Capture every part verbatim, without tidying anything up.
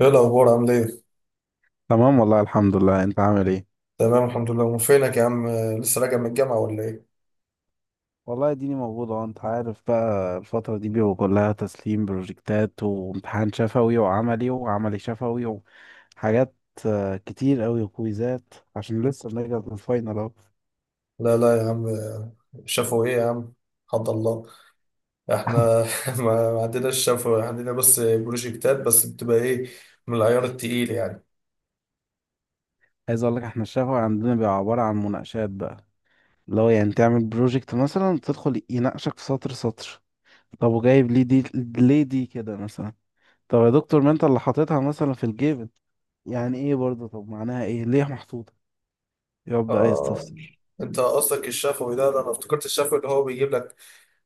ايه الاخبار، عامل ايه؟ تمام، والله الحمد لله. انت عامل ايه؟ تمام الحمد لله. أم فينك يا عم؟ لسه راجع من الجامعه ولا ايه؟ والله اديني موجود اهو. انت عارف بقى الفترة دي بيبقى كلها تسليم بروجكتات وامتحان شفوي وعملي وعملي شفوي وحاجات. آه، كتير قوي وكويزات عشان لسه بنرجع من الفاينل اهو. لا لا يا عم. شافوا ايه يا عم؟ حد الله. احنا. ما ما عندناش شافوا، عندنا بس بروجكتات، بس بتبقى ايه؟ من العيار التقيل يعني. عايز اقول لك، احنا الشفوي عندنا بيبقى عبارة عن مناقشات بقى، اللي هو يعني تعمل بروجكت مثلا تدخل يناقشك في سطر سطر. طب وجايب ليه دي؟ ليه دي كده مثلا؟ طب يا دكتور ما انت اللي حاططها مثلا في الجيب، يعني ايه برضه؟ طب معناها ايه؟ ليه محطوطة؟ يا رب عايز اه، تفصل. انت قصدك الشفوي ده ده انا افتكرت الشفوي اللي هو بيجيب لك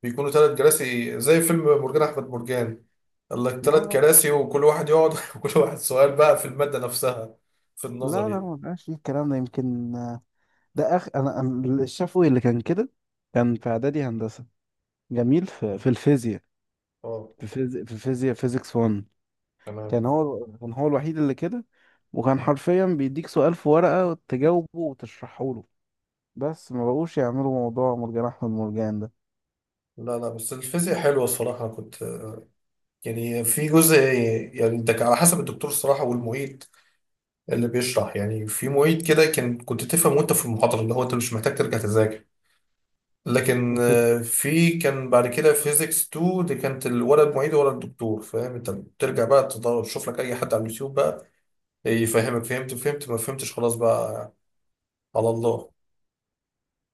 بيكونوا ثلاث كراسي زي فيلم مرجان احمد مرجان، قال لك لا ثلاث لا. كراسي وكل واحد يقعد وكل واحد سؤال بقى في الماده نفسها. في لا لا، النظري. ما بقاش فيه الكلام ده يمكن. ده اخ، انا أنا الشافوي اللي كان كده، كان في اعدادي هندسه جميل في, في الفيزياء. اه، في فيزياء في فيزياء فيزيكس واحد. تمام. كان هو كان هو الوحيد اللي كده، وكان حرفيا بيديك سؤال في ورقه تجاوبه وتشرحه له، بس ما بقوش يعملوا موضوع مرجان احمد مرجان لا لا، بس الفيزياء حلوة الصراحة. كنت يعني في جزء، يعني انت على حسب الدكتور الصراحة والمعيد اللي بيشرح. يعني في معيد كده كان كنت تفهم وانت في المحاضرة، اللي هو انت مش محتاج ترجع تذاكر. لكن ده. آه، في كان بعد كده فيزيكس اتنين دي كانت ال- ولا المعيد ولا الدكتور فاهم. انت بترجع بقى تدور تشوف لك اي حد على اليوتيوب بقى يفهمك. فهمت فهمت، ما فهمتش، خلاص بقى. على الله.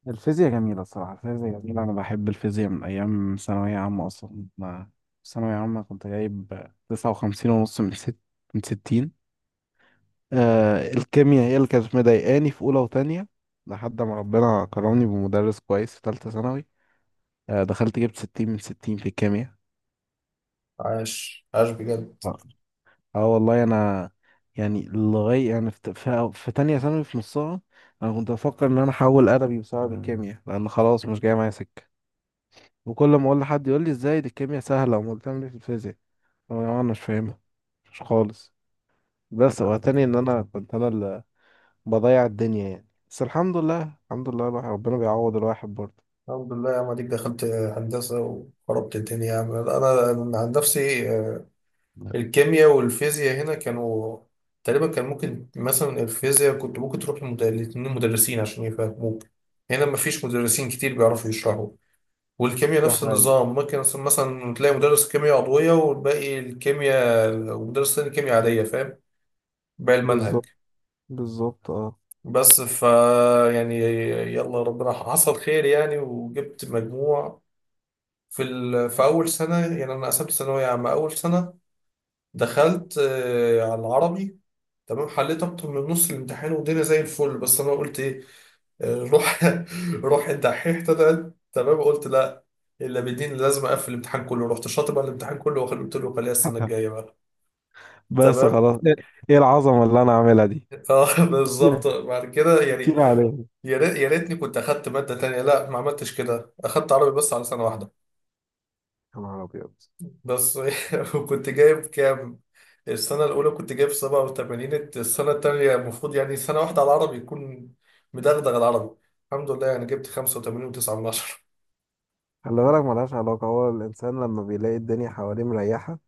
الفيزياء جميلة الصراحة، الفيزياء جميلة. أنا بحب الفيزياء من أيام ثانوية عامة أصلا. ما في ثانوية عامة كنت جايب تسعة وخمسين ونص من ست من ستين. آه، الكيمياء هي اللي كانت مضايقاني في أولى وتانية، لحد ما ربنا كرمني بمدرس كويس في تالتة ثانوي. آه، دخلت جبت ستين من ستين في الكيمياء. عاش عاش بجد. اه. آه والله، أنا يعني لغاية يعني في, في, في تانية ثانوي في نصها، أنا كنت بفكر إن أنا أحول أدبي بسبب الكيمياء، لأن خلاص مش جاي معايا سكة. وكل ما اقول لحد يقول لي، ازاي دي الكيمياء سهله، امال بتعمل ايه في الفيزياء؟ أقول له انا مش فاهمها، مش خالص. بس هو تاني ان انا كنت انا اللي بضيع الدنيا يعني. بس الحمد لله، الحمد لله، الواحد ربنا بيعوض الواحد برضه. الحمد لله يا عم، اديك دخلت هندسة وخربت الدنيا يا عم. انا أنا عن نفسي. الكيمياء والفيزياء هنا كانوا تقريبا كان ممكن. مثلا الفيزياء كنت ممكن تروح لمد- لاتنين مدرسين عشان يفهموك. هنا مفيش مدرسين كتير بيعرفوا يشرحوا. والكيمياء ده نفس حقيقي. النظام، ممكن مثلا مثلا تلاقي مدرس كيمياء عضوية والباقي الكيمياء، ومدرس تاني كيمياء عادية، فاهم، باقي المنهج. بالظبط. بالظبط اه. بس ف يعني، يلا ربنا حصل خير يعني. وجبت مجموع في ال... في أول سنة. يعني أنا قسمت ثانوية عامة أول سنة، دخلت آه، على العربي. تمام، حليت اكتر من نص الامتحان والدنيا زي الفل، بس انا قلت ايه، آه، روح روح الدحيح طلعت تمام. قلت لا، الا بالدين لازم اقفل الامتحان كله. رحت شاطب على الامتحان كله، وخل- قلت له خليها السنه الجايه بقى. بس تمام. خلاص ايه؟ إيه العظمه اللي انا عاملها دي؟ اه، كتير، بالظبط بعد كده يعني. كتير عليهم. يا ريت- يا ريتني كنت اخدت ماده تانية، لا ما عملتش كده، اخدت عربي بس على سنه واحده. يا نهار ابيض. ده الصحيح. وكنت جايب كام؟ السنة الأولى كنت جايب سبعة وتمانين، السنة التانية المفروض يعني سنة واحدة على العربي يكون مدغدغ العربي. الحمد لله، يعني جبت خمسة وتمانين وتسعة من عشرة. خلي بالك ملهاش علاقه، هو الانسان لما بيلاقي الدنيا حواليه مريحه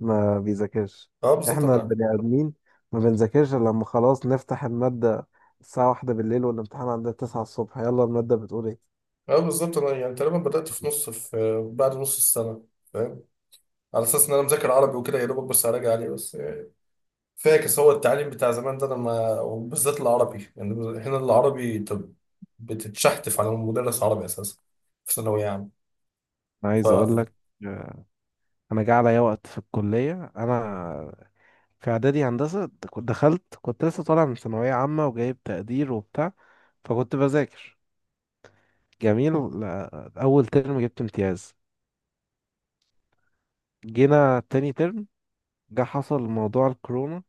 ما بيذاكرش. اه بالظبط احنا أنا البني ادمين ما بنذاكرش إلا لما خلاص نفتح المادة الساعة واحدة بالليل والامتحان عندنا تسعة الصبح، يلا المادة بتقول ايه. اه بالظبط أنا يعني تقريبا بدأت في نص، في بعد نص السنة، فاهم. على أساس إن أنا مذاكر عربي وكده يا دوبك، بس هراجع عليه بس يعني. فاكس هو التعليم بتاع زمان ده لما، وبالذات العربي يعني. هنا العربي أنت بتتشحتف على مدرس عربي أساسا في ثانوية عامة انا عايز اقول لك، آه، انا جه عليا وقت في الكليه، انا في اعدادي هندسه د- كنت دخلت كنت لسه طالع من ثانويه عامه وجايب تقدير وبتاع، فكنت بذاكر جميل. لا- اول ترم جبت امتياز. جينا تاني ترم، جه حصل موضوع الكورونا.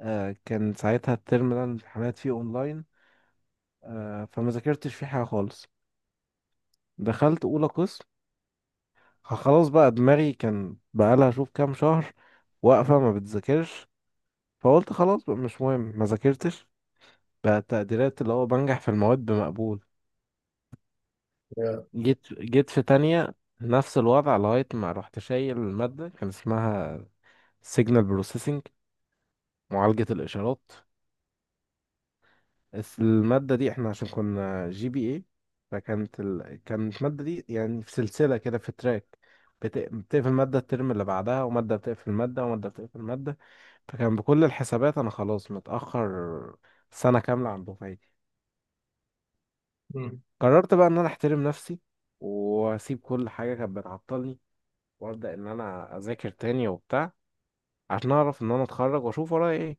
آه، كان ساعتها الترم ده الامتحانات فيه اونلاين. آه، فما ذاكرتش فيه حاجة خالص. دخلت أولى قسم، خلاص بقى دماغي كان بقالها شوف كام شهر واقفة ما بتذاكرش، فقلت خلاص بقى مش مهم. ما ذاكرتش، بقى التقديرات اللي هو بنجح في المواد بمقبول. جيت جيت في تانية نفس الوضع، لغاية ما رحت شايل المادة، كان اسمها سيجنال بروسيسنج، معالجة الإشارات. بس المادة دي احنا عشان كنا جي بي اي، فكانت ال... كانت المادة دي يعني في سلسلة كده، في تراك، بت... بتقفل مادة الترم اللي بعدها، ومادة بتقفل مادة، ومادة بتقفل مادة. فكان بكل الحسابات أنا خلاص متأخر سنة كاملة عن دفعتي. ف قررت بقى إن أنا أحترم نفسي وأسيب كل حاجة كانت بتعطلني، وأبدأ إن أنا أذاكر تاني وبتاع، عشان أعرف إن أنا أتخرج وأشوف ورايا إيه.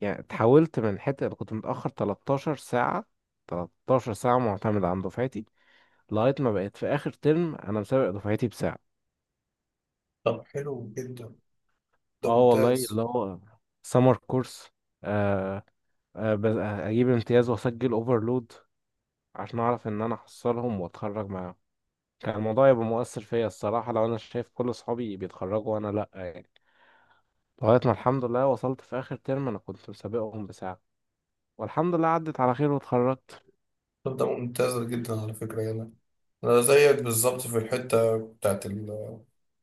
يعني اتحولت من حتة اللي كنت متأخر تلتاشر ساعة، تلتاشر ساعة معتمد عن دفعتي، لغاية ما بقيت في آخر ترم أنا مسابق دفعتي بساعة. طب حلو جدا، ده اه والله، ممتاز. اللي هو سمر كورس. آه آه بس- آه، أجيب امتياز وأسجل أوفرلود عشان أعرف إن أنا أحصلهم وأتخرج معاهم. كان الموضوع يبقى مؤثر فيا الصراحة لو أنا شايف كل أصحابي بيتخرجوا وأنا لأ يعني. لغاية ما الحمد لله وصلت في آخر ترم أنا كنت مسابقهم بساعة، والحمد لله عدت على خير واتخرجت. طب ده ممتاز جدا على فكرة يعني. أنا زيك بالظبط في الحتة بتاعت ال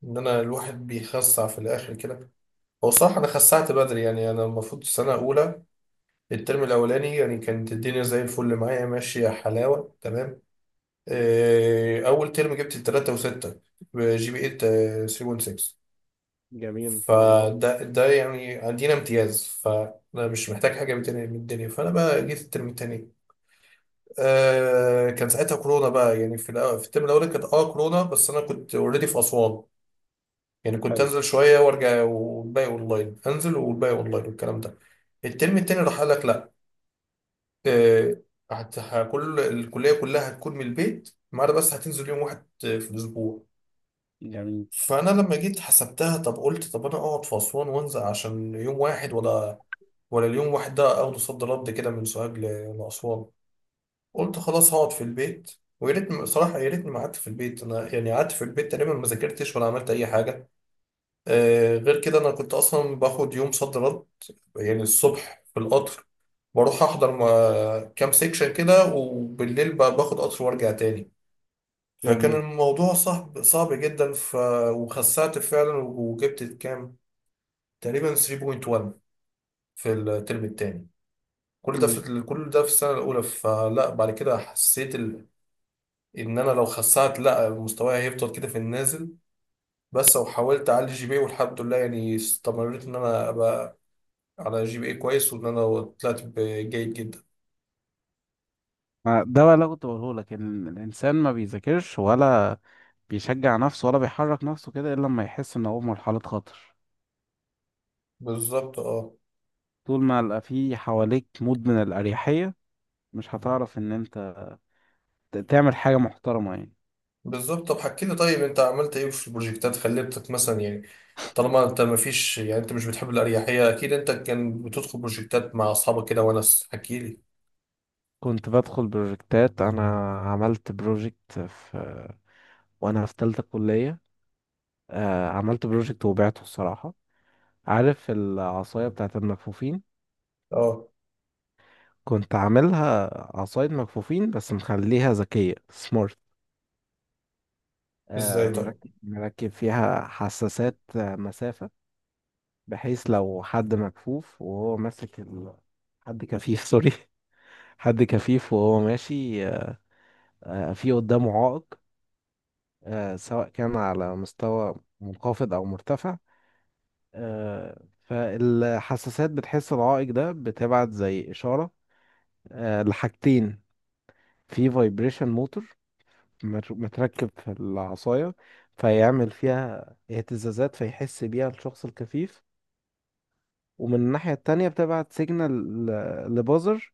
إن أنا الواحد بيخسع في الآخر كده. هو صح، أنا خسعت بدري يعني. أنا المفروض السنة الأولى الترم الأولاني يعني كانت الدنيا زي الفل معايا ماشية حلاوة تمام. إيه، أول ترم جبت تلاتة وستة جي بي إيه ثلاثة فاصلة ستة، جميل. ان شاء الله. فده ده يعني عندنا امتياز، فأنا مش محتاج حاجة من الدنيا من الدنيا. فأنا بقى جيت الترم التاني. آه، كان ساعتها كورونا بقى يعني، في الأو- في الترم الاولاني كانت اه كورونا، بس انا كنت اوريدي في اسوان. يعني كنت حلو. انزل شويه وارجع والباقي اونلاين، انزل والباقي اونلاين والكلام ده. الترم التاني راح قال لك لا، آه، هت- ه- كل الكليه كلها هتكون من البيت، ما عدا بس هتنزل يوم واحد آه، في الاسبوع. جميل، فانا لما جيت حسبتها، طب قلت طب انا اقعد في اسوان وانزل عشان يوم واحد، ولا ولا اليوم واحد ده اخده صد رد كده من سوهاج ل- لاسوان. قلت خلاص هقعد في البيت. ويا ريتني صراحة، يا ريتني ما قعدت في البيت. أنا يعني قعدت في البيت، تقريبا ما ذاكرتش ولا عملت أي حاجة. آه، غير كده أنا كنت أصلا باخد يوم صد رد. يعني الصبح في القطر بروح أحضر ما- كام سيكشن كده، وبالليل ب- باخد قطر وأرجع تاني. فكان جميل. الموضوع صعب صعب جدا ف... وخسعت فعلا وجبت كام، تقريبا تلاتة فاصلة واحد في الترم التاني. كل ده مم. في كل ده في السنة الأولى. فلا بعد كده حسيت ان انا لو خسعت، لا مستواي هيفضل كده في النازل. بس لو حاولت اعلي جي بي إيه والحمد لله يعني، استمريت ان انا ابقى على جي بي اي كويس وان انا طلعت ب- جيد جدا. ما- ده بقى اللي أنا كنت بقوله لك، إن الإنسان ما بيذاكرش ولا بيشجع نفسه ولا بيحرك نفسه كده إلا لما يحس إن هو في مرحلة خطر. بالظبط، اه، طول ما يبقى في حواليك مود من الأريحية، مش هتعرف إن أنت ت- تعمل حاجة محترمة يعني. بالظبط. طب حكي لي طيب، انت عملت ايه في البروجكتات خليتك مثلا يعني؟ طالما انت ما فيش يعني، انت مش بتحب الاريحيه، اكيد انت كان بتدخل بروجكتات مع اصحابك كده وناس، حكي لي. كنت بدخل بروجكتات انا، عملت بروجكت في وانا في تالتة كلية. آه، عملت بروجكت وبعته الصراحة. عارف العصاية بتاعت المكفوفين؟ اه، كنت عاملها عصاية مكفوفين بس مخليها ذكية، سمارت. ازاي طيب؟ مركب مركب فيها حساسات، آه، مسافة، بحيث لو حد مكفوف وهو ماسك ال... حد كفيف سوري حد كفيف وهو ماشي آه، في قدامه عائق، آه، سواء كان على مستوى منخفض أو مرتفع، آه، فالحساسات بتحس العائق ده بتبعت زي إشارة آه، لحاجتين. في فايبريشن موتور مت- متركب في العصاية، فيعمل فيها اهتزازات فيحس بيها الشخص الكفيف. ومن الناحية التانية بتبعت سيجنال لبازر،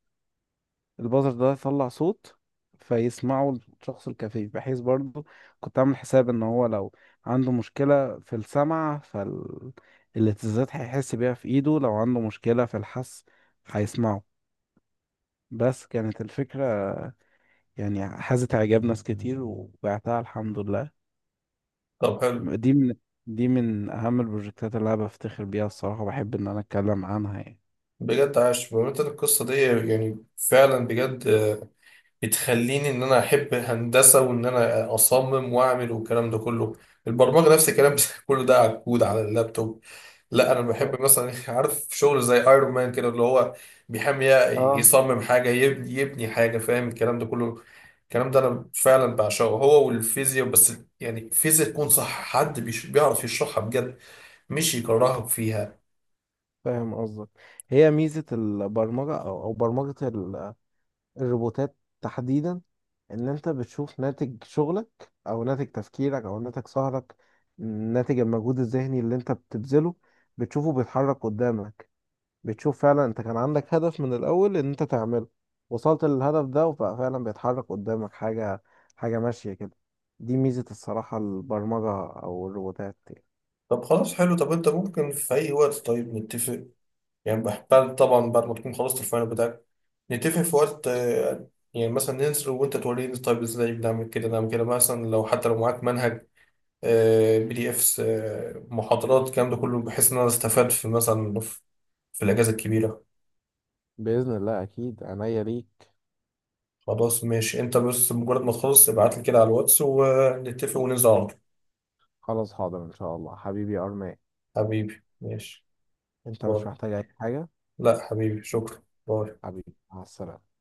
البازر ده يطلع صوت فيسمعه الشخص الكفيف، بحيث برضو كنت عامل حساب ان هو لو عنده مشكلة في السمع فالاهتزازات هيحس بيها في ايده، لو عنده مشكلة في الحس هيسمعه. بس كانت الفكرة يعني حازت اعجاب ناس كتير، وبعتها الحمد لله. طب حلو دي من دي من اهم البروجكتات اللي انا بفتخر بيها الصراحة وبحب ان انا اتكلم عنها يعني. بجد، عاش. بمناسبة القصه دي يعني، فعلا بجد بتخليني ان انا احب هندسه وان انا اصمم واعمل والكلام ده كله. البرمجه نفس الكلام كله ده على الكود على اللابتوب. لا انا بحب مثلا عارف شغل زي ايرون مان كده، اللي هو بيحمي، اه، يصمم حاجه، يبني يبني حاجه، فاهم الكلام ده كله. الكلام ده انا فعلا بعشقه، هو والفيزياء بس. يعني الفيزياء تكون صح، حد بيش- بيعرف يشرحها بجد، مش يكرهك فيها. فاهم قصدك. هي ميزة البرمجة أو أو برمجة الروبوتات تحديدا، ان انت بتشوف ناتج شغلك او ناتج تفكيرك او ناتج سهرك، ناتج المجهود الذهني اللي انت بتبذله، بتشوفه بيتحرك قدامك. بتشوف فعلا انت كان عندك هدف من الاول ان انت تعمله، وصلت للهدف ده وبقى فعلا بيتحرك قدامك حاجة، حاجة ماشية كده. دي ميزة الصراحة البرمجة او الروبوتات يعني. طب خلاص، حلو. طب انت ممكن في اي وقت طيب نتفق يعني، بعد طبعا بعد ما تكون خلصت الفاينل بتاعك نتفق في وقت آه، يعني، مثلا ننزل وانت توريني طيب ازاي بنعمل كده نعمل كده، مثلا لو حتى لو معاك منهج بي دي افس محاضرات الكلام ده كله، بحيث ان انا استفاد في مثلا في في الاجازه الكبيره. بإذن الله أكيد، عينيا ليك. خلاص ماشي، انت بس مجرد ما تخلص ابعت لي كده على الواتس ونتفق وننزل على طول. خلاص حاضر إن شاء الله حبيبي أرمان. حبيبي ماشي، أنت مش باي. محتاج أي حاجة. لا حبيبي شكرا، باي. حبيبي، مع السلامة.